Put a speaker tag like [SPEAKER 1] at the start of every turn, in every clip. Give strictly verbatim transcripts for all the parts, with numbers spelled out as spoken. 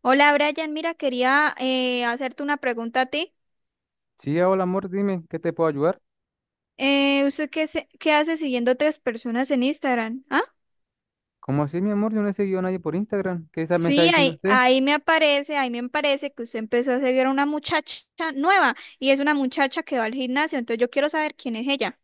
[SPEAKER 1] Hola Brian, mira, quería eh, hacerte una pregunta a ti.
[SPEAKER 2] Sí, hola amor, dime, ¿qué te puedo ayudar?
[SPEAKER 1] Eh, ¿usted qué, se- qué hace siguiendo tres personas en Instagram? ¿Ah?
[SPEAKER 2] ¿Cómo así, mi amor? Yo no he seguido a nadie por Instagram. ¿Qué está- me está
[SPEAKER 1] Sí,
[SPEAKER 2] diciendo
[SPEAKER 1] ahí,
[SPEAKER 2] usted?
[SPEAKER 1] ahí me aparece, ahí me aparece que usted empezó a seguir a una muchacha nueva y es una muchacha que va al gimnasio, entonces yo quiero saber quién es ella.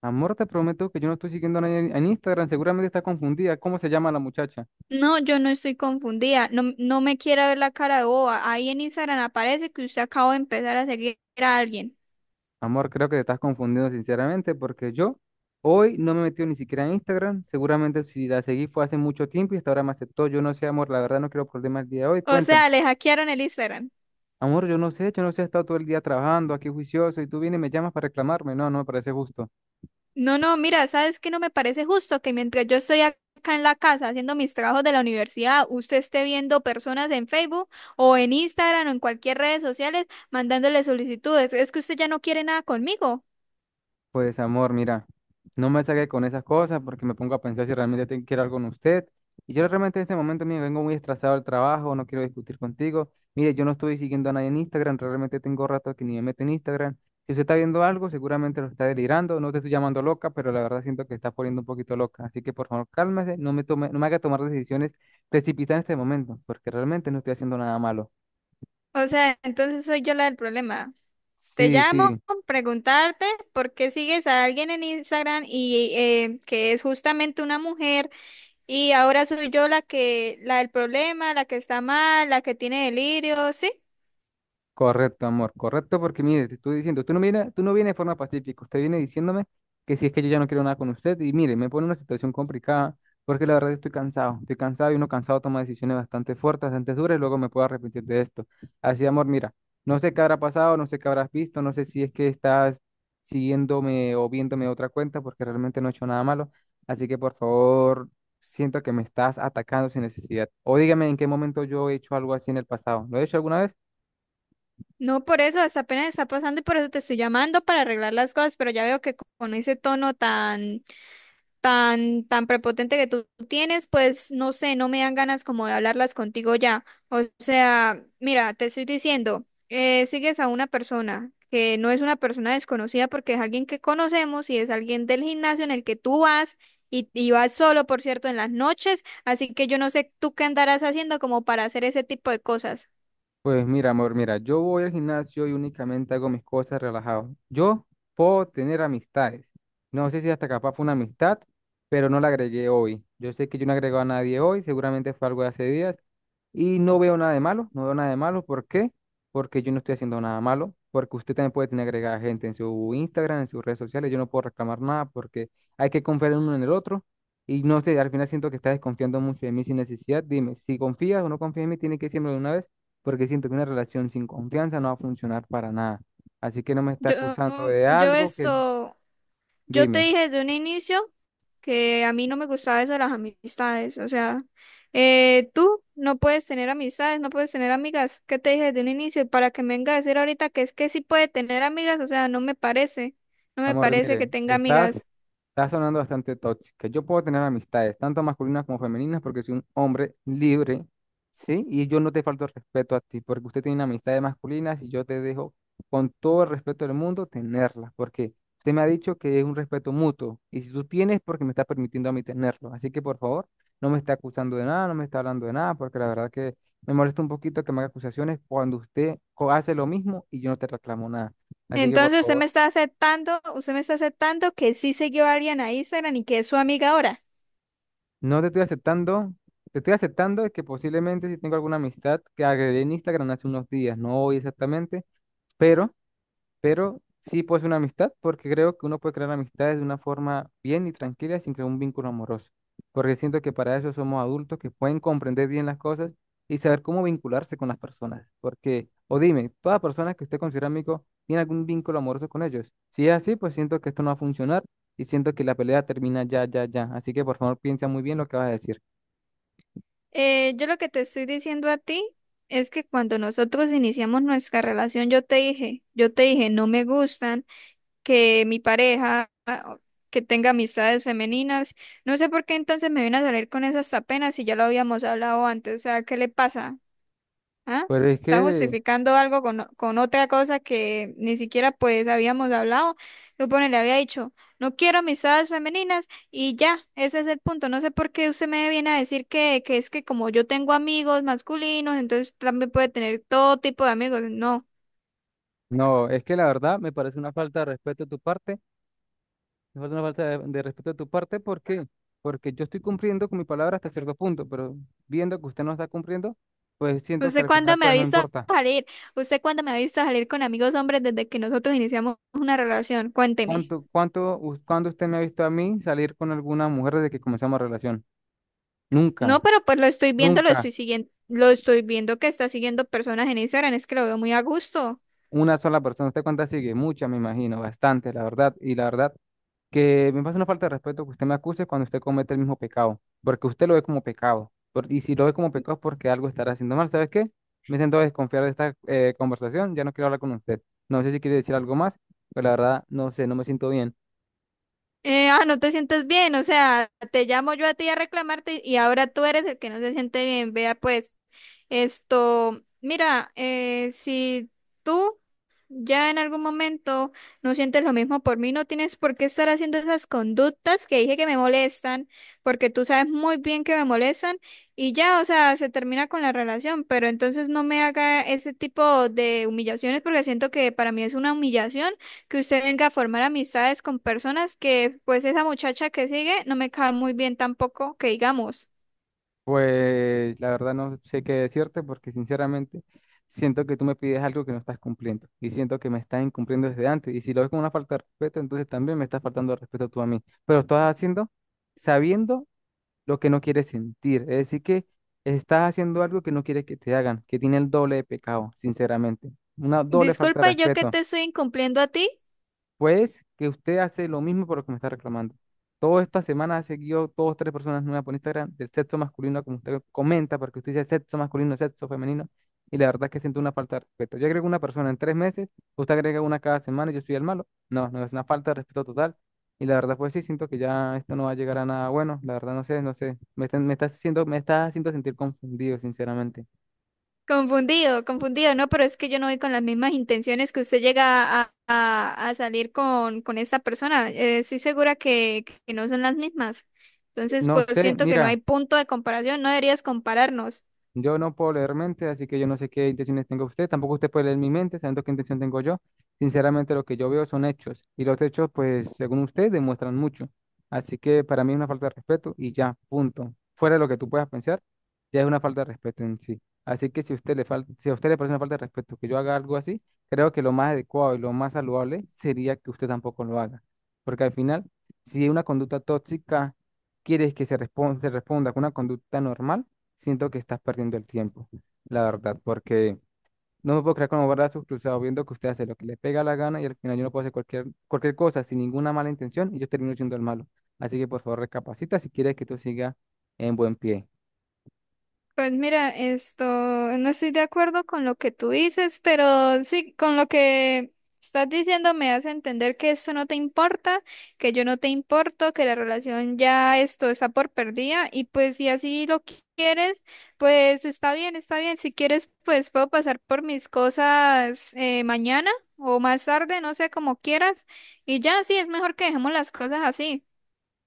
[SPEAKER 2] Amor, te prometo que yo no estoy siguiendo a nadie en en Instagram. Seguramente está confundida. ¿Cómo se llama la muchacha?
[SPEAKER 1] No, yo no estoy confundida, no, no me quiera ver la cara de boba. Ahí en Instagram aparece que usted acaba de empezar a seguir a alguien.
[SPEAKER 2] Amor, creo que te estás confundiendo sinceramente porque yo hoy no me he metido ni siquiera en Instagram. Seguramente si la seguí fue hace mucho tiempo y hasta ahora me aceptó. Yo no sé, amor, la verdad no quiero problemas el día de hoy.
[SPEAKER 1] O
[SPEAKER 2] Cuéntame.
[SPEAKER 1] sea, le hackearon el Instagram.
[SPEAKER 2] Amor, yo no sé, yo no sé, he estado todo el día trabajando aquí juicioso y tú vienes y me llamas para reclamarme. No, no me parece justo.
[SPEAKER 1] No, no, mira, ¿sabes qué? No me parece justo que mientras yo estoy ac- acá en la casa haciendo mis trabajos de la universidad, usted esté viendo personas en Facebook o en Instagram o en cualquier redes sociales mandándole solicitudes. Es que usted ya no quiere nada conmigo.
[SPEAKER 2] Pues amor, mira, no me saque con esas cosas porque me pongo a pensar si realmente te- quiero algo con usted. Y yo realmente en este momento, mire, vengo muy estresado del trabajo, no quiero discutir contigo. Mire, yo no estoy siguiendo a nadie en Instagram, realmente tengo rato que ni me meto en Instagram. Si usted está viendo algo, seguramente lo está delirando. No te estoy llamando loca, pero la verdad siento que está poniendo un poquito loca. Así que por favor, cálmese, no me tome, no me haga tomar decisiones precipitadas en este momento, porque realmente no estoy haciendo nada malo.
[SPEAKER 1] O sea, entonces soy yo la del problema. Te
[SPEAKER 2] Sí,
[SPEAKER 1] llamo,
[SPEAKER 2] sí.
[SPEAKER 1] preguntarte por qué sigues a alguien en Instagram y eh, que es justamente una mujer y ahora soy yo la que, la del problema, la que está mal, la que tiene delirio, ¿sí?
[SPEAKER 2] Correcto, amor, correcto, porque mire, te estoy diciendo, tú no viene, tú no vienes de forma pacífica, usted viene diciéndome que si es que yo ya no quiero nada con usted, y mire, me pone en una situación complicada, porque la verdad estoy cansado, estoy cansado y uno cansado toma decisiones bastante fuertes, bastante duras, y luego me puedo arrepentir de esto. Así, amor, mira, no sé qué habrá pasado, no sé qué habrás visto, no sé si es que estás siguiéndome o viéndome otra cuenta, porque realmente no he hecho nada malo, así que por favor, siento que me estás atacando sin necesidad, o dígame en qué momento yo he hecho algo así en el pasado, ¿lo he hecho alguna vez?
[SPEAKER 1] No, por eso, hasta apenas está pasando y por eso te estoy llamando para arreglar las cosas, pero ya veo que co- con ese tono tan, tan, tan prepotente que tú tienes, pues no sé, no me dan ganas como de hablarlas contigo ya. O sea, mira, te estoy diciendo, eh, sigues a una persona que no es una persona desconocida porque es alguien que conocemos y es alguien del gimnasio en el que tú vas y, y vas solo, por cierto, en las noches, así que yo no sé tú qué andarás haciendo como para hacer ese tipo de cosas.
[SPEAKER 2] Pues mira, amor, mira, yo voy al gimnasio y únicamente hago mis cosas relajado. Yo puedo tener amistades. No sé si hasta capaz fue una amistad, pero no la agregué hoy. Yo sé que yo no agrego a nadie hoy, seguramente fue algo de hace días y no veo nada de malo, no veo nada de malo. ¿Por qué? Porque yo no estoy haciendo nada malo, porque usted también puede tener agregada gente en su Instagram, en sus redes sociales. Yo no puedo reclamar nada porque hay que confiar en uno en el otro. Y no sé, al final siento que está desconfiando mucho de mí sin necesidad. Dime, si confías o no confías en mí, tiene que decirme de una vez, porque siento que una relación sin confianza no va a funcionar para nada. Así que no me está
[SPEAKER 1] Yo,
[SPEAKER 2] acusando de
[SPEAKER 1] yo
[SPEAKER 2] algo que,
[SPEAKER 1] esto... Yo te
[SPEAKER 2] dime.
[SPEAKER 1] dije desde un inicio que a mí no me gustaba eso de las amistades. O sea, eh, tú no puedes tener amistades, no puedes tener amigas. ¿Qué te dije desde un inicio? Y para que me venga a decir ahorita que es que sí puede tener amigas, o sea, no me parece. No me
[SPEAKER 2] Amor,
[SPEAKER 1] parece que
[SPEAKER 2] mire,
[SPEAKER 1] tenga
[SPEAKER 2] estás,
[SPEAKER 1] amigas.
[SPEAKER 2] estás sonando bastante tóxica. Yo puedo tener amistades, tanto masculinas como femeninas, porque soy un hombre libre, ¿sí? Y yo no te falto el respeto a ti, porque usted tiene amistades masculinas y yo te dejo, con todo el respeto del mundo, tenerlas, porque usted me ha dicho que es un respeto mutuo, y si tú tienes, porque me estás permitiendo a mí tenerlo. Así que, por favor, no me está acusando de nada, no me está hablando de nada, porque la verdad que me molesta un poquito que me haga acusaciones cuando usted co- hace lo mismo y yo no te reclamo nada. Así que, por
[SPEAKER 1] Entonces usted
[SPEAKER 2] favor.
[SPEAKER 1] me está aceptando, usted me está aceptando que sí siguió a alguien a Instagram y que es su amiga ahora.
[SPEAKER 2] No te estoy aceptando. Te estoy aceptando de que posiblemente si tengo alguna amistad que agregué en Instagram hace unos días, no hoy exactamente, pero, pero sí puede ser una amistad porque creo que uno puede crear amistades de una forma bien y tranquila sin crear un vínculo amoroso. Porque siento que para eso somos adultos que pueden comprender bien las cosas y saber cómo vincularse con las personas. Porque, o dime, toda persona que usted considera amigo tiene algún vínculo amoroso con ellos. Si es así, pues siento que esto no va a funcionar y siento que la pelea termina ya, ya, ya. Así que por favor piensa muy bien lo que vas a decir.
[SPEAKER 1] Eh, yo lo que te estoy diciendo a ti es que cuando nosotros iniciamos nuestra relación, yo te dije, yo te dije, no me gustan que mi pareja ah, que tenga amistades femeninas. No sé por qué entonces me viene a salir con eso hasta apenas si ya lo habíamos hablado antes. O sea, ¿qué le pasa? ¿Ah?
[SPEAKER 2] Pero es
[SPEAKER 1] Está
[SPEAKER 2] que,
[SPEAKER 1] justificando algo con, con otra cosa que ni siquiera pues habíamos hablado. Supone, le había dicho, no quiero amistades femeninas y ya, ese es el punto. No sé por qué usted me viene a decir que, que es que como yo tengo amigos masculinos, entonces también puede tener todo tipo de amigos. No.
[SPEAKER 2] no, es que la verdad me parece una falta de respeto de tu parte, me falta una falta de, de respeto de tu parte, ¿por qué? Porque yo estoy cumpliendo con mi palabra hasta cierto punto, pero viendo que usted no está cumpliendo, pues siento que
[SPEAKER 1] ¿Usted
[SPEAKER 2] al final
[SPEAKER 1] cuándo me ha
[SPEAKER 2] pues no
[SPEAKER 1] visto
[SPEAKER 2] importa.
[SPEAKER 1] salir? ¿Usted cuándo me ha visto salir con amigos hombres desde que nosotros iniciamos una relación? Cuénteme.
[SPEAKER 2] ¿Cuánto, cuánto, us- cuándo usted me ha visto a mí salir con alguna mujer desde que comenzamos relación?
[SPEAKER 1] No,
[SPEAKER 2] Nunca,
[SPEAKER 1] pero pues lo estoy viendo, lo
[SPEAKER 2] nunca,
[SPEAKER 1] estoy siguiendo, lo estoy viendo que está siguiendo personas en Instagram, es que lo veo muy a gusto.
[SPEAKER 2] una sola persona. ¿Usted cuántas sigue? Muchas, me imagino, bastante, la verdad. Y la verdad, que me parece una falta de respeto que usted me acuse cuando usted comete el mismo pecado, porque usted lo ve como pecado, por- y si lo ve como pecado es porque algo estará haciendo mal, ¿sabes qué? Me siento a desconfiar de esta eh, conversación, ya no quiero hablar con usted. No sé si quiere decir algo más, pero la verdad no sé, no me siento bien.
[SPEAKER 1] Eh, ah, no te sientes bien, o sea, te llamo yo a ti a reclamarte y ahora tú eres el que no se siente bien. Vea pues, esto, mira, eh, si tú ya en algún momento no sientes lo mismo por mí, no tienes por qué estar haciendo esas conductas que dije que me molestan, porque tú sabes muy bien que me molestan y ya, o sea, se termina con la relación, pero entonces no me haga ese tipo de humillaciones porque siento que para mí es una humillación que usted venga a formar amistades con personas que pues esa muchacha que sigue no me cae muy bien tampoco, que digamos.
[SPEAKER 2] Pues la verdad no sé qué decirte porque sinceramente siento que tú me pides algo que no estás cumpliendo y siento que me estás incumpliendo desde antes y si lo ves como una falta de respeto, entonces también me estás faltando de respeto tú a mí, pero lo estás haciendo sabiendo lo que no quieres sentir. Es decir, que estás haciendo algo que no quieres que te hagan, que tiene el doble de pecado, sinceramente. Una doble falta de
[SPEAKER 1] Disculpa, yo que
[SPEAKER 2] respeto.
[SPEAKER 1] te estoy incumpliendo a ti.
[SPEAKER 2] Pues que usted hace lo mismo por lo que me está reclamando. Toda esta semana ha seguido dos, tres personas nuevas por Instagram del sexo masculino, como usted comenta, porque usted dice sexo masculino, sexo femenino, y la verdad es que siento una falta de respeto. Yo agrego una persona en tres meses, usted agrega una cada semana y yo soy el malo. No, no, es una falta de respeto total. Y la verdad, pues sí, siento que ya esto no va a llegar a nada bueno. La verdad, no sé, no sé. Me está, me está haciendo, me está haciendo sentir confundido, sinceramente.
[SPEAKER 1] Confundido, confundido, no, pero es que yo no voy con las mismas intenciones que usted llega a, a- a salir con, con esta persona. Eh, estoy segura que, que no son las mismas. Entonces,
[SPEAKER 2] No
[SPEAKER 1] pues
[SPEAKER 2] sé,
[SPEAKER 1] siento que no
[SPEAKER 2] mira.
[SPEAKER 1] hay punto de comparación, no deberías compararnos.
[SPEAKER 2] Yo no puedo leer mente, así que yo no sé qué intenciones tenga usted. Tampoco usted puede leer mi mente, sabiendo qué intención tengo yo. Sinceramente, lo que yo veo son hechos. Y los hechos, pues, según usted, demuestran mucho. Así que para mí es una falta de respeto y ya, punto. Fuera de lo que tú puedas pensar, ya es una falta de respeto en sí. Así que si usted le falta, si a usted le parece una falta de respeto que yo haga algo así, creo que lo más adecuado y lo más saludable sería que usted tampoco lo haga. Porque al final, si una conducta tóxica quieres que se respon- se responda con una conducta normal, siento que estás perdiendo el tiempo, la verdad, porque no me puedo creer con los brazos cruzados viendo que usted hace lo que le pega la gana y al final yo no puedo hacer cualquier, cualquier cosa sin ninguna mala intención y yo termino siendo el malo. Así que por favor recapacita si quieres que tú sigas en buen pie.
[SPEAKER 1] Pues mira, esto, no estoy de acuerdo con lo que tú dices, pero sí, con lo que estás diciendo me hace entender que eso no te importa, que yo no te importo, que la relación ya esto está por perdida y pues si así lo qui- quieres, pues está bien, está bien. Si quieres, pues puedo pasar por mis cosas eh, mañana o más tarde, no sé, como quieras. Y ya, sí, es mejor que dejemos las cosas así.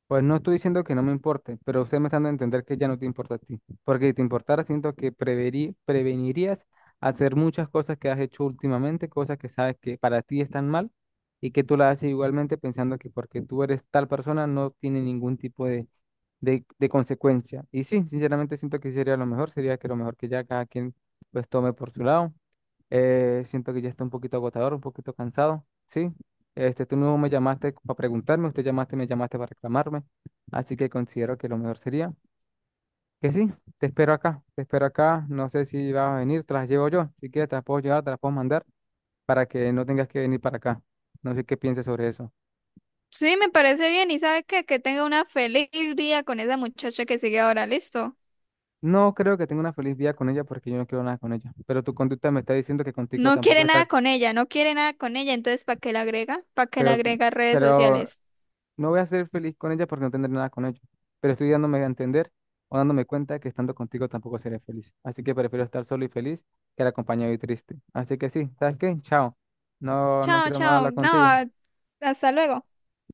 [SPEAKER 2] Pues no estoy diciendo que no me importe, pero usted me está dando a entender que ya no te importa a ti, porque si te importara siento que preverí- prevenirías hacer muchas cosas que has hecho últimamente, cosas que sabes que para ti están mal y que tú las haces igualmente pensando que porque tú eres tal persona no tiene ningún tipo de de, de consecuencia. Y sí, sinceramente siento que sería lo mejor, sería que lo mejor que ya cada quien pues tome por su lado. Eh, siento que ya está un poquito agotador, un poquito cansado, ¿sí? Este, tú no me llamaste para preguntarme, usted llamaste, me llamaste para reclamarme, así que considero que lo mejor sería que sí, te espero acá, te espero acá, no sé si vas a venir, te las llevo yo, si quieres te las puedo llevar, te las puedo mandar para que no tengas que venir para acá. No sé qué pienses sobre eso.
[SPEAKER 1] Sí, me parece bien. ¿Y sabe qué? Que tenga una feliz vida con esa muchacha que sigue ahora, listo.
[SPEAKER 2] No creo que tenga una feliz vida con ella porque yo no quiero nada con ella. Pero tu conducta me está diciendo que contigo
[SPEAKER 1] No
[SPEAKER 2] tampoco
[SPEAKER 1] quiere
[SPEAKER 2] está.
[SPEAKER 1] nada con ella, no quiere nada con ella, entonces ¿para qué la agrega? ¿Para qué la
[SPEAKER 2] Pero,
[SPEAKER 1] agrega a redes
[SPEAKER 2] pero
[SPEAKER 1] sociales?
[SPEAKER 2] no voy a ser feliz con ella porque no tendré nada con ella. Pero estoy dándome a entender o dándome cuenta que estando contigo tampoco seré feliz. Así que prefiero estar solo y feliz que acompañado y triste. Así que sí, ¿sabes qué? Chao. No, no
[SPEAKER 1] Chao,
[SPEAKER 2] quiero más
[SPEAKER 1] chao.
[SPEAKER 2] hablar
[SPEAKER 1] No,
[SPEAKER 2] contigo.
[SPEAKER 1] a- hasta luego.